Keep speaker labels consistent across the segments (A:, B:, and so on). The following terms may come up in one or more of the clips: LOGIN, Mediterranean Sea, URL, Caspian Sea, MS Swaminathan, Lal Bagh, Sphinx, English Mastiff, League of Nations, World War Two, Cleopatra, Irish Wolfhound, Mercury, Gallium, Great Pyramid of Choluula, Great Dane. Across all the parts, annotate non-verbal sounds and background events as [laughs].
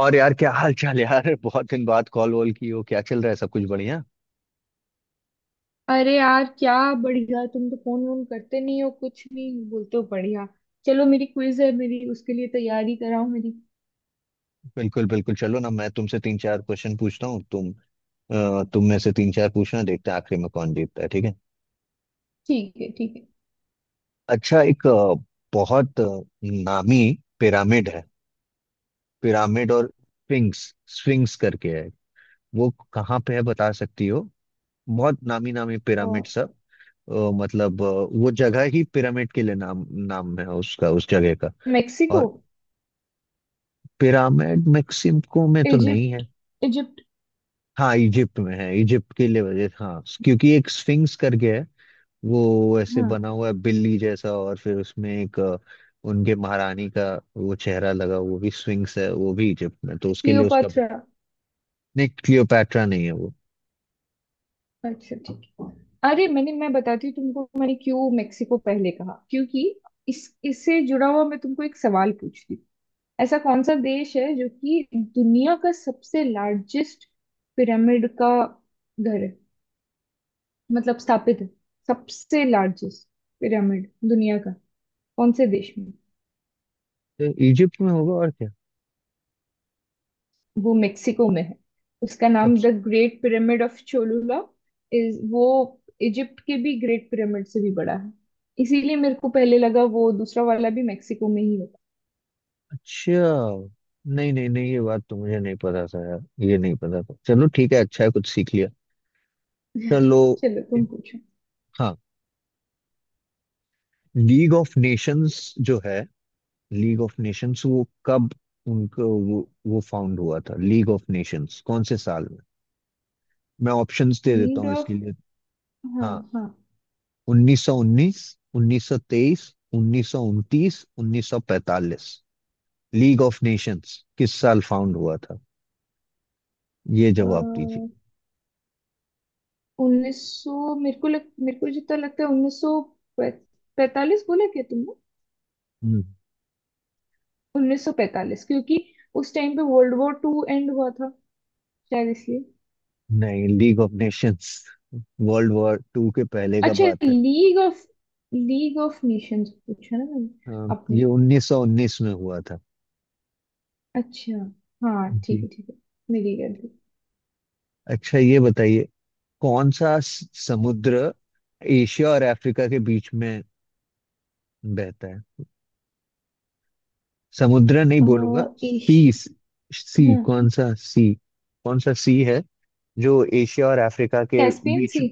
A: और यार क्या हाल चाल यार [laughs] बहुत दिन बाद कॉल वॉल की हो? क्या चल रहा है? सब कुछ बढ़िया?
B: अरे यार क्या बढ़िया। तुम तो फोन वोन करते नहीं हो कुछ नहीं बोलते हो बढ़िया। चलो मेरी क्विज है मेरी उसके लिए तैयारी कराओ मेरी।
A: बिल्कुल बिल्कुल। चलो ना, मैं तुमसे तीन चार क्वेश्चन पूछता हूँ। तुम में से तीन चार पूछना, देखते हैं आखिरी में कौन जीतता है। ठीक है?
B: ठीक है ठीक है।
A: अच्छा, बहुत नामी पिरामिड है। पिरामिड और स्फिंक्स स्फिंक्स करके है। वो कहाँ पे है बता सकती हो? बहुत नामी नामी पिरामिड सब। मतलब वो जगह ही पिरामिड के लिए नाम, नाम है उसका, उस जगह का।
B: मेक्सिको।
A: और पिरामिड मैक्सिमको में तो नहीं
B: इजिप्ट।
A: है।
B: इजिप्ट।
A: हाँ, इजिप्ट में है। इजिप्ट के लिए वजह, हाँ क्योंकि एक स्फिंक्स करके है। वो ऐसे बना
B: हाँ।
A: हुआ है बिल्ली जैसा, और फिर उसमें एक उनके महारानी का वो चेहरा लगा। वो भी स्फिंक्स है, वो भी इजिप्ट में, तो उसके लिए उसका।
B: क्लियोपात्रा।
A: नहीं, क्लियोपैट्रा नहीं है वो।
B: अच्छा ठीक है। अरे मैं बताती हूँ तुमको मैंने क्यों मेक्सिको पहले कहा क्योंकि इस इससे जुड़ा हुआ मैं तुमको एक सवाल पूछती हूँ। ऐसा कौन सा देश है जो कि दुनिया का सबसे लार्जेस्ट पिरामिड का घर है मतलब स्थापित है। सबसे लार्जेस्ट पिरामिड दुनिया का कौन से देश में।
A: तो इजिप्ट में होगा और क्या।
B: वो मेक्सिको में है। उसका नाम द
A: सबसे
B: great pyramid of Cholula is वो इजिप्ट के भी ग्रेट पिरामिड से भी बड़ा है। इसीलिए मेरे को पहले लगा वो दूसरा वाला भी मेक्सिको में ही होगा।
A: अच्छा। नहीं नहीं नहीं, ये बात तो मुझे नहीं पता था यार। ये नहीं पता था। चलो ठीक है, अच्छा है, कुछ सीख लिया।
B: [laughs]
A: चलो।
B: चलो तुम पूछो।
A: हाँ, लीग ऑफ नेशंस जो है, लीग ऑफ नेशंस वो कब उनको वो फाउंड हुआ था? लीग ऑफ नेशंस कौन से साल में? मैं ऑप्शंस दे देता
B: नीड
A: हूँ
B: ऑफ।
A: इसके लिए।
B: हाँ।
A: हाँ,
B: हाँ।
A: 1919, 1923, 1929, 1945। लीग ऑफ नेशंस किस साल फाउंड हुआ था? ये जवाब दीजिए।
B: उन्नीस सौ मेरे को जितना लगता है 1945 बोला क्या तुमने।
A: हम्म,
B: 1945 क्योंकि उस टाइम पे वर्ल्ड वॉर टू एंड हुआ था शायद इसलिए।
A: नहीं, League of Nations World War Two के पहले का
B: अच्छा
A: बात है।
B: लीग ऑफ नेशंस पूछा ना मैंने।
A: हाँ,
B: अपने।
A: ये 1919 में हुआ था।
B: अच्छा। हाँ ठीक
A: जी।
B: है ठीक है। मेरी गलती।
A: अच्छा ये बताइए, कौन सा समुद्र एशिया और अफ्रीका के बीच में बहता है? समुद्र नहीं बोलूंगा,
B: इश।
A: सी। सी,
B: हाँ।
A: कौन सा सी? कौन सा सी है जो एशिया और अफ्रीका के
B: कैस्पियन
A: बीच?
B: सी।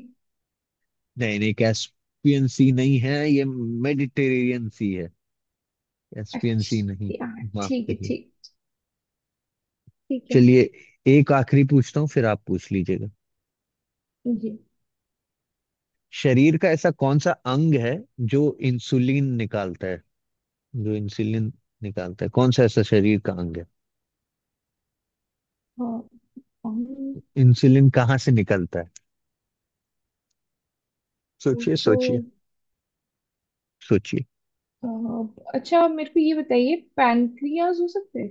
A: नहीं नहीं, कैस्पियन सी नहीं है ये, मेडिटेरेनियन सी है। कैस्पियन सी नहीं।
B: अच्छा यार
A: माफ
B: ठीक है
A: करिए।
B: ठीक। ठीक है।
A: चलिए, एक आखिरी पूछता हूँ फिर आप पूछ लीजिएगा।
B: जी।
A: शरीर का ऐसा कौन सा अंग है जो इंसुलिन निकालता है? जो इंसुलिन निकालता है, कौन सा ऐसा शरीर का अंग है?
B: हाँ। हम-
A: इंसुलिन कहाँ से निकलता है?
B: वो
A: सोचिए,
B: तो
A: सोचिए, सोचिए।
B: अच्छा आप मेरे को ये बताइए पैनक्रियाज हो सकता है।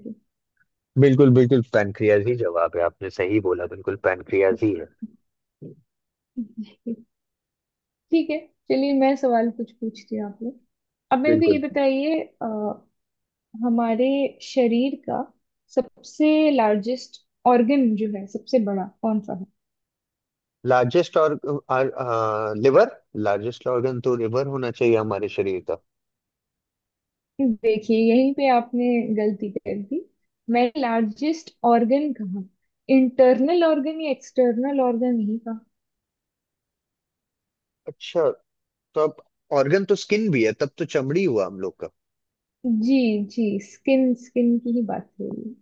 A: बिल्कुल बिल्कुल, पैनक्रियाज ही जवाब है। आपने सही बोला, बिल्कुल पैनक्रियाज ही है।
B: क्या [laughs] ठीक है चलिए मैं सवाल कुछ पूछती हूँ आपने। अब मेरे को ये
A: बिल्कुल।
B: बताइए हमारे शरीर का सबसे लार्जेस्ट ऑर्गन जो है सबसे बड़ा कौन सा।
A: लार्जेस्ट और लिवर। लार्जेस्ट ऑर्गन तो लिवर होना चाहिए हमारे शरीर का।
B: है देखिए यहीं पे आपने गलती कर दी। मैं लार्जेस्ट ऑर्गन कहा। इंटरनल ऑर्गन या एक्सटर्नल ऑर्गन नहीं कहा।
A: अच्छा, तो अब ऑर्गन तो स्किन भी है, तब तो चमड़ी हुआ हम लोग का।
B: जी। जी। स्किन स्किन की ही बात हो रही है।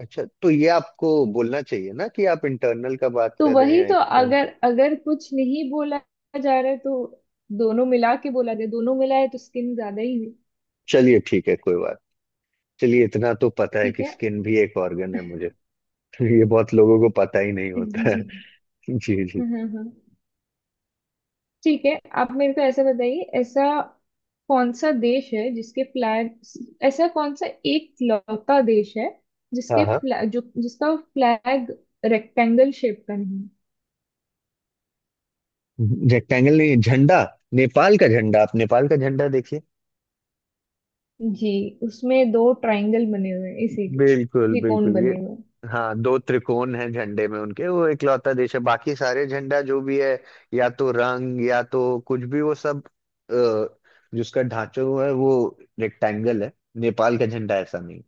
A: अच्छा, तो ये आपको बोलना चाहिए ना कि आप इंटरनल का बात
B: तो
A: कर रहे हैं
B: वही
A: या
B: तो
A: एक्सटर्नल।
B: अगर अगर कुछ नहीं बोला जा रहा है तो दोनों मिला के बोला जाए दोनों मिला है तो स्किन ज्यादा ही।
A: चलिए ठीक है, कोई बात। चलिए, इतना तो पता है
B: ठीक
A: कि
B: है।
A: स्किन भी एक ऑर्गन है मुझे। [laughs] ये बहुत लोगों को पता ही नहीं होता है।
B: जी।
A: [laughs] जी जी।
B: हाँ हाँ हाँ। ठीक है। आप मेरे को ऐसा बताइए। ऐसा कौन सा देश है जिसके फ्लैग ऐसा कौन सा एक लौता देश है
A: हाँ
B: जिसके
A: हाँ।
B: फ्लैग जो जिसका फ्लैग रेक्टेंगल शेप का नहीं है?
A: रेक्टेंगल नहीं, झंडा। नेपाल का झंडा, आप नेपाल का झंडा देखिए।
B: जी। उसमें दो ट्रायंगल बने हुए हैं इसीलिए
A: बिल्कुल
B: त्रिकोण
A: बिल्कुल ये,
B: बने हुए
A: हाँ, दो त्रिकोण हैं झंडे में उनके। वो इकलौता देश है, बाकी सारे झंडा जो भी है या तो रंग या तो कुछ भी वो सब, अ, जिसका ढांचा हुआ है वो रेक्टेंगल है। नेपाल का झंडा ऐसा नहीं।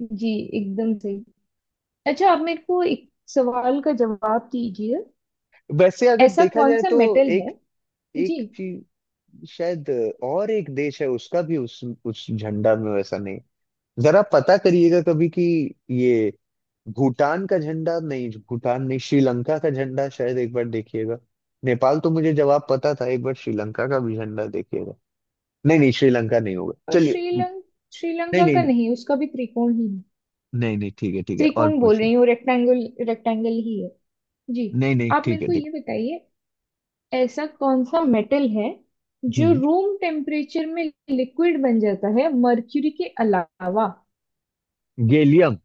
B: हैं। जी एकदम सही। अच्छा आप मेरे को एक सवाल का जवाब दीजिए।
A: वैसे अगर
B: ऐसा
A: देखा
B: कौन
A: जाए
B: सा
A: तो
B: मेटल
A: एक,
B: है? जी।
A: एक चीज शायद, और एक देश है उसका भी, उस झंडा में वैसा नहीं। जरा पता करिएगा कभी कि ये भूटान का झंडा, नहीं भूटान नहीं, श्रीलंका का झंडा शायद, एक बार देखिएगा। नेपाल तो मुझे जवाब पता था, एक बार श्रीलंका का भी झंडा देखिएगा। नहीं नहीं, श्रीलंका नहीं होगा।
B: और
A: चलिए।
B: श्रीलंका।
A: नहीं
B: श्रीलंका
A: नहीं
B: का
A: नहीं।
B: नहीं उसका भी त्रिकोण ही है।
A: नहीं नहीं ठीक है ठीक है, और
B: त्रिकोण बोल
A: पूछिए।
B: रही हूँ रेक्टेंगल रेक्टेंगल ही है। जी।
A: नहीं नहीं
B: आप मेरे
A: ठीक है
B: को
A: ठीक
B: ये बताइए ऐसा कौन सा मेटल है
A: है।
B: जो
A: हम्म।
B: रूम टेम्परेचर में लिक्विड बन जाता है मर्क्यूरी के अलावा।
A: गैलियम।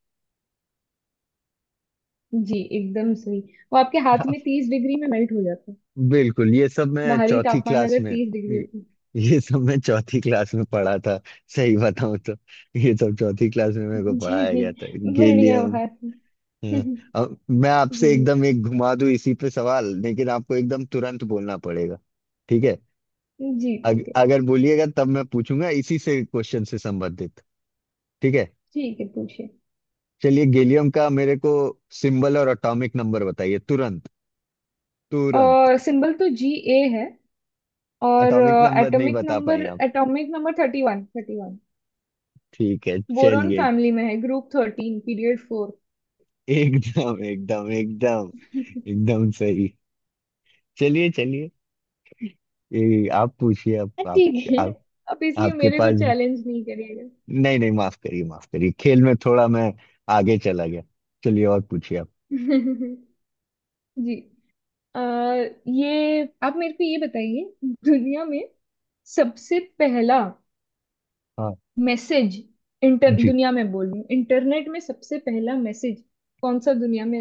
B: जी एकदम सही। वो आपके हाथ में 30 डिग्री में मेल्ट हो जाता है
A: बिल्कुल, ये सब मैं
B: बाहरी
A: चौथी
B: तापमान
A: क्लास
B: अगर
A: में,
B: 30 डिग्री
A: ये
B: होता है।
A: ये सब मैं चौथी क्लास में पढ़ा था। सही बताऊं तो ये सब चौथी क्लास में मेरे को
B: जी।
A: पढ़ाया गया था।
B: बढ़िया
A: गैलियम।
B: बात है [laughs]
A: हम्म, अब मैं
B: जी।
A: आपसे एकदम एक घुमा दूं इसी पे सवाल, लेकिन आपको एकदम तुरंत बोलना पड़ेगा। ठीक है?
B: जी।
A: अगर बोलिएगा तब मैं पूछूंगा इसी से क्वेश्चन से संबंधित। ठीक है।
B: ठीक है पूछिए।
A: चलिए, गैलियम का मेरे को सिंबल और एटॉमिक नंबर बताइए, तुरंत, तुरंत।
B: सिंबल तो Ga है। और
A: एटॉमिक नंबर नहीं
B: एटॉमिक
A: बता पाए
B: नंबर
A: आप।
B: Atomic number 31।
A: ठीक है
B: बोरॉन
A: चलिए।
B: फैमिली में है ग्रुप 13 पीरियड फोर।
A: एकदम एकदम एकदम,
B: [laughs]
A: एकदम सही। चलिए चलिए, ये आप पूछिए।
B: हाँ, ठीक है।
A: आप,
B: अब इसलिए
A: आपके
B: मेरे को
A: पास।
B: चैलेंज नहीं करिएगा।
A: नहीं नहीं, माफ करिए माफ करिए, खेल में थोड़ा मैं आगे चला गया। चलिए, और पूछिए आप।
B: [laughs] जी। आ, ये आप मेरे को ये बताइए दुनिया में सबसे पहला
A: हाँ।
B: मैसेज इंटर
A: जी।
B: दुनिया में बोल रही हूँ इंटरनेट में सबसे पहला मैसेज कौन सा दुनिया में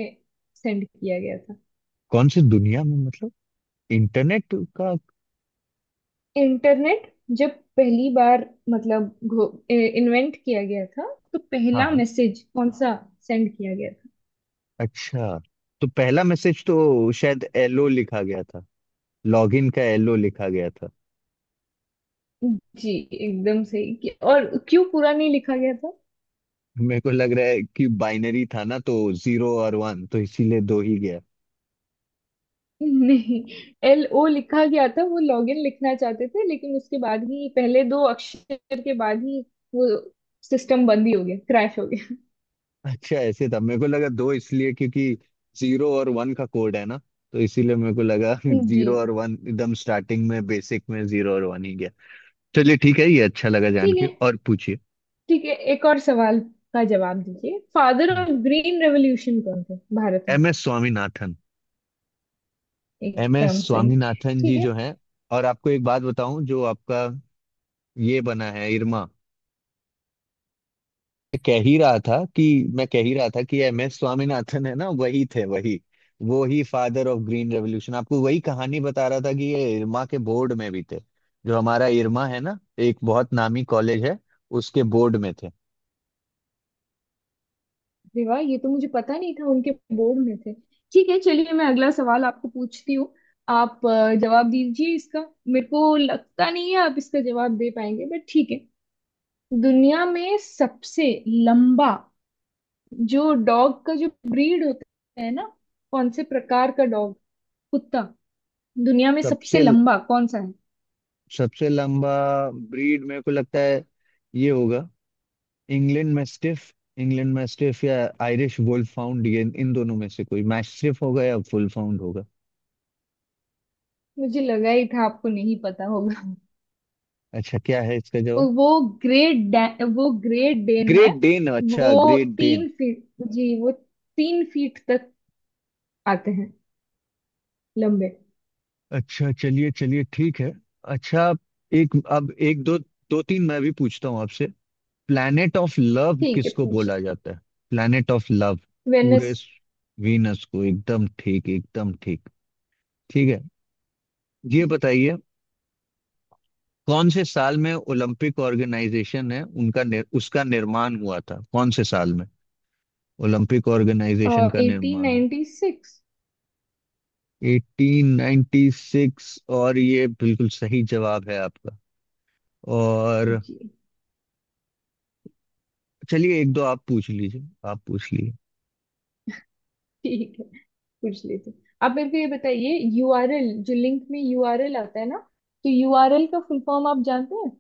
B: सेंड किया गया था।
A: कौन सी दुनिया में मतलब? इंटरनेट का?
B: इंटरनेट जब पहली बार मतलब इन्वेंट किया गया था तो
A: हाँ
B: पहला
A: हाँ।
B: मैसेज कौन सा सेंड किया गया।
A: अच्छा, तो पहला मैसेज तो शायद एलओ लिखा गया था, लॉगिन का एलओ लिखा गया था।
B: जी एकदम सही। और क्यों पूरा नहीं लिखा गया था।
A: मेरे को लग रहा है कि बाइनरी था ना, तो जीरो और वन, तो इसीलिए दो ही गया।
B: नहीं LO लिखा गया था वो लॉगिन लिखना चाहते थे लेकिन उसके बाद ही पहले दो अक्षर के बाद ही वो सिस्टम बंद ही हो गया क्रैश हो गया।
A: अच्छा ऐसे था। मेरे को लगा दो इसलिए क्योंकि जीरो और वन का कोड है ना, तो इसीलिए मेरे को लगा। [laughs]
B: जी।
A: जीरो और वन एकदम स्टार्टिंग में, बेसिक में जीरो और वन ही गया। चलिए ठीक है, ये अच्छा लगा जान
B: ठीक
A: के।
B: है।
A: और पूछिए।
B: ठीक है एक और सवाल का जवाब दीजिए। फादर ऑफ ग्रीन रेवोल्यूशन कौन थे भारत में।
A: M S Swaminathan. M S
B: एकदम सही।
A: स्वामीनाथन
B: ठीक
A: जी
B: है।
A: जो हैं। और आपको एक बात बताऊं, जो आपका ये बना है इरमा, मैं कह ही रहा था कि मैं कह ही रहा था कि एम एस स्वामीनाथन है ना, वही थे, वही वो ही फादर ऑफ ग्रीन रेवोल्यूशन। आपको वही कहानी बता रहा था कि ये इरमा के बोर्ड में भी थे। जो हमारा इरमा है ना, एक बहुत नामी कॉलेज है, उसके बोर्ड में थे।
B: अरे वाह ये तो मुझे पता नहीं था उनके बोर्ड में थे। ठीक है चलिए मैं अगला सवाल आपको पूछती हूँ। आप जवाब दीजिए इसका। मेरे को लगता नहीं है आप इसका जवाब दे पाएंगे बट ठीक है। दुनिया में सबसे लंबा जो डॉग का जो ब्रीड होता है ना कौन से प्रकार का डॉग कुत्ता दुनिया में सबसे
A: सबसे,
B: लंबा कौन सा है।
A: सबसे लंबा ब्रीड मेरे को लगता है ये होगा, इंग्लैंड मैस्टिफ। इंग्लैंड मैस्टिफ या आयरिश वुल्फ फाउंड, ये इन दोनों में से कोई, मैस्टिफ होगा या वुल्फ फाउंड होगा।
B: मुझे लगा ही था आपको नहीं पता होगा।
A: अच्छा, क्या है इसका जवाब?
B: वो वो ग्रेट डेन है।
A: ग्रेट डेन,
B: वो
A: अच्छा, ग्रेट डेन।
B: तीन फीट जी। वो 3 फीट तक आते हैं लंबे।
A: अच्छा चलिए चलिए, ठीक है। अच्छा, एक अब एक दो, दो तीन मैं भी पूछता हूँ आपसे। प्लैनेट ऑफ लव
B: ठीक है
A: किसको
B: पूछे।
A: बोला जाता है? Planet of love
B: Venice.
A: पूरे। वीनस को, एकदम ठीक, एकदम ठीक। ठीक है, ये बताइए, कौन से साल में ओलंपिक ऑर्गेनाइजेशन है उनका उसका निर्माण हुआ था? कौन से साल में ओलंपिक ऑर्गेनाइजेशन का
B: एटीन
A: निर्माण?
B: नाइनटी सिक्स
A: 1896, और ये बिल्कुल सही जवाब है आपका। और
B: जी।
A: चलिए, एक दो आप पूछ लीजिए, आप पूछ लीजिए।
B: ठीक है पूछ लेते हैं। आप मेरे को ये बताइए यूआरएल जो लिंक में यूआरएल आता है ना तो यूआरएल का फुल फॉर्म आप जानते हैं।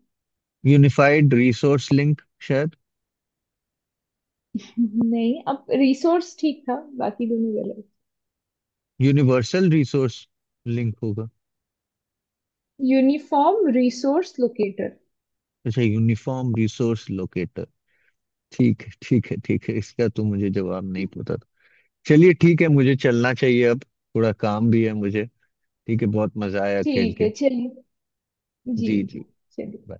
A: यूनिफाइड रिसोर्स लिंक शायद।
B: नहीं अब रिसोर्स ठीक था बाकी दोनों गलत।
A: यूनिवर्सल रिसोर्स लिंक होगा।
B: Uniform resource locator.
A: अच्छा, यूनिफॉर्म रिसोर्स लोकेटर। ठीक है ठीक है ठीक है, इसका तो मुझे जवाब नहीं पता था। चलिए ठीक है, मुझे चलना चाहिए अब, थोड़ा काम भी है मुझे। ठीक है, बहुत मजा आया खेल
B: ठीक है
A: के।
B: चलिए। जी
A: जी
B: जी।
A: जी।
B: चलिए।
A: bye।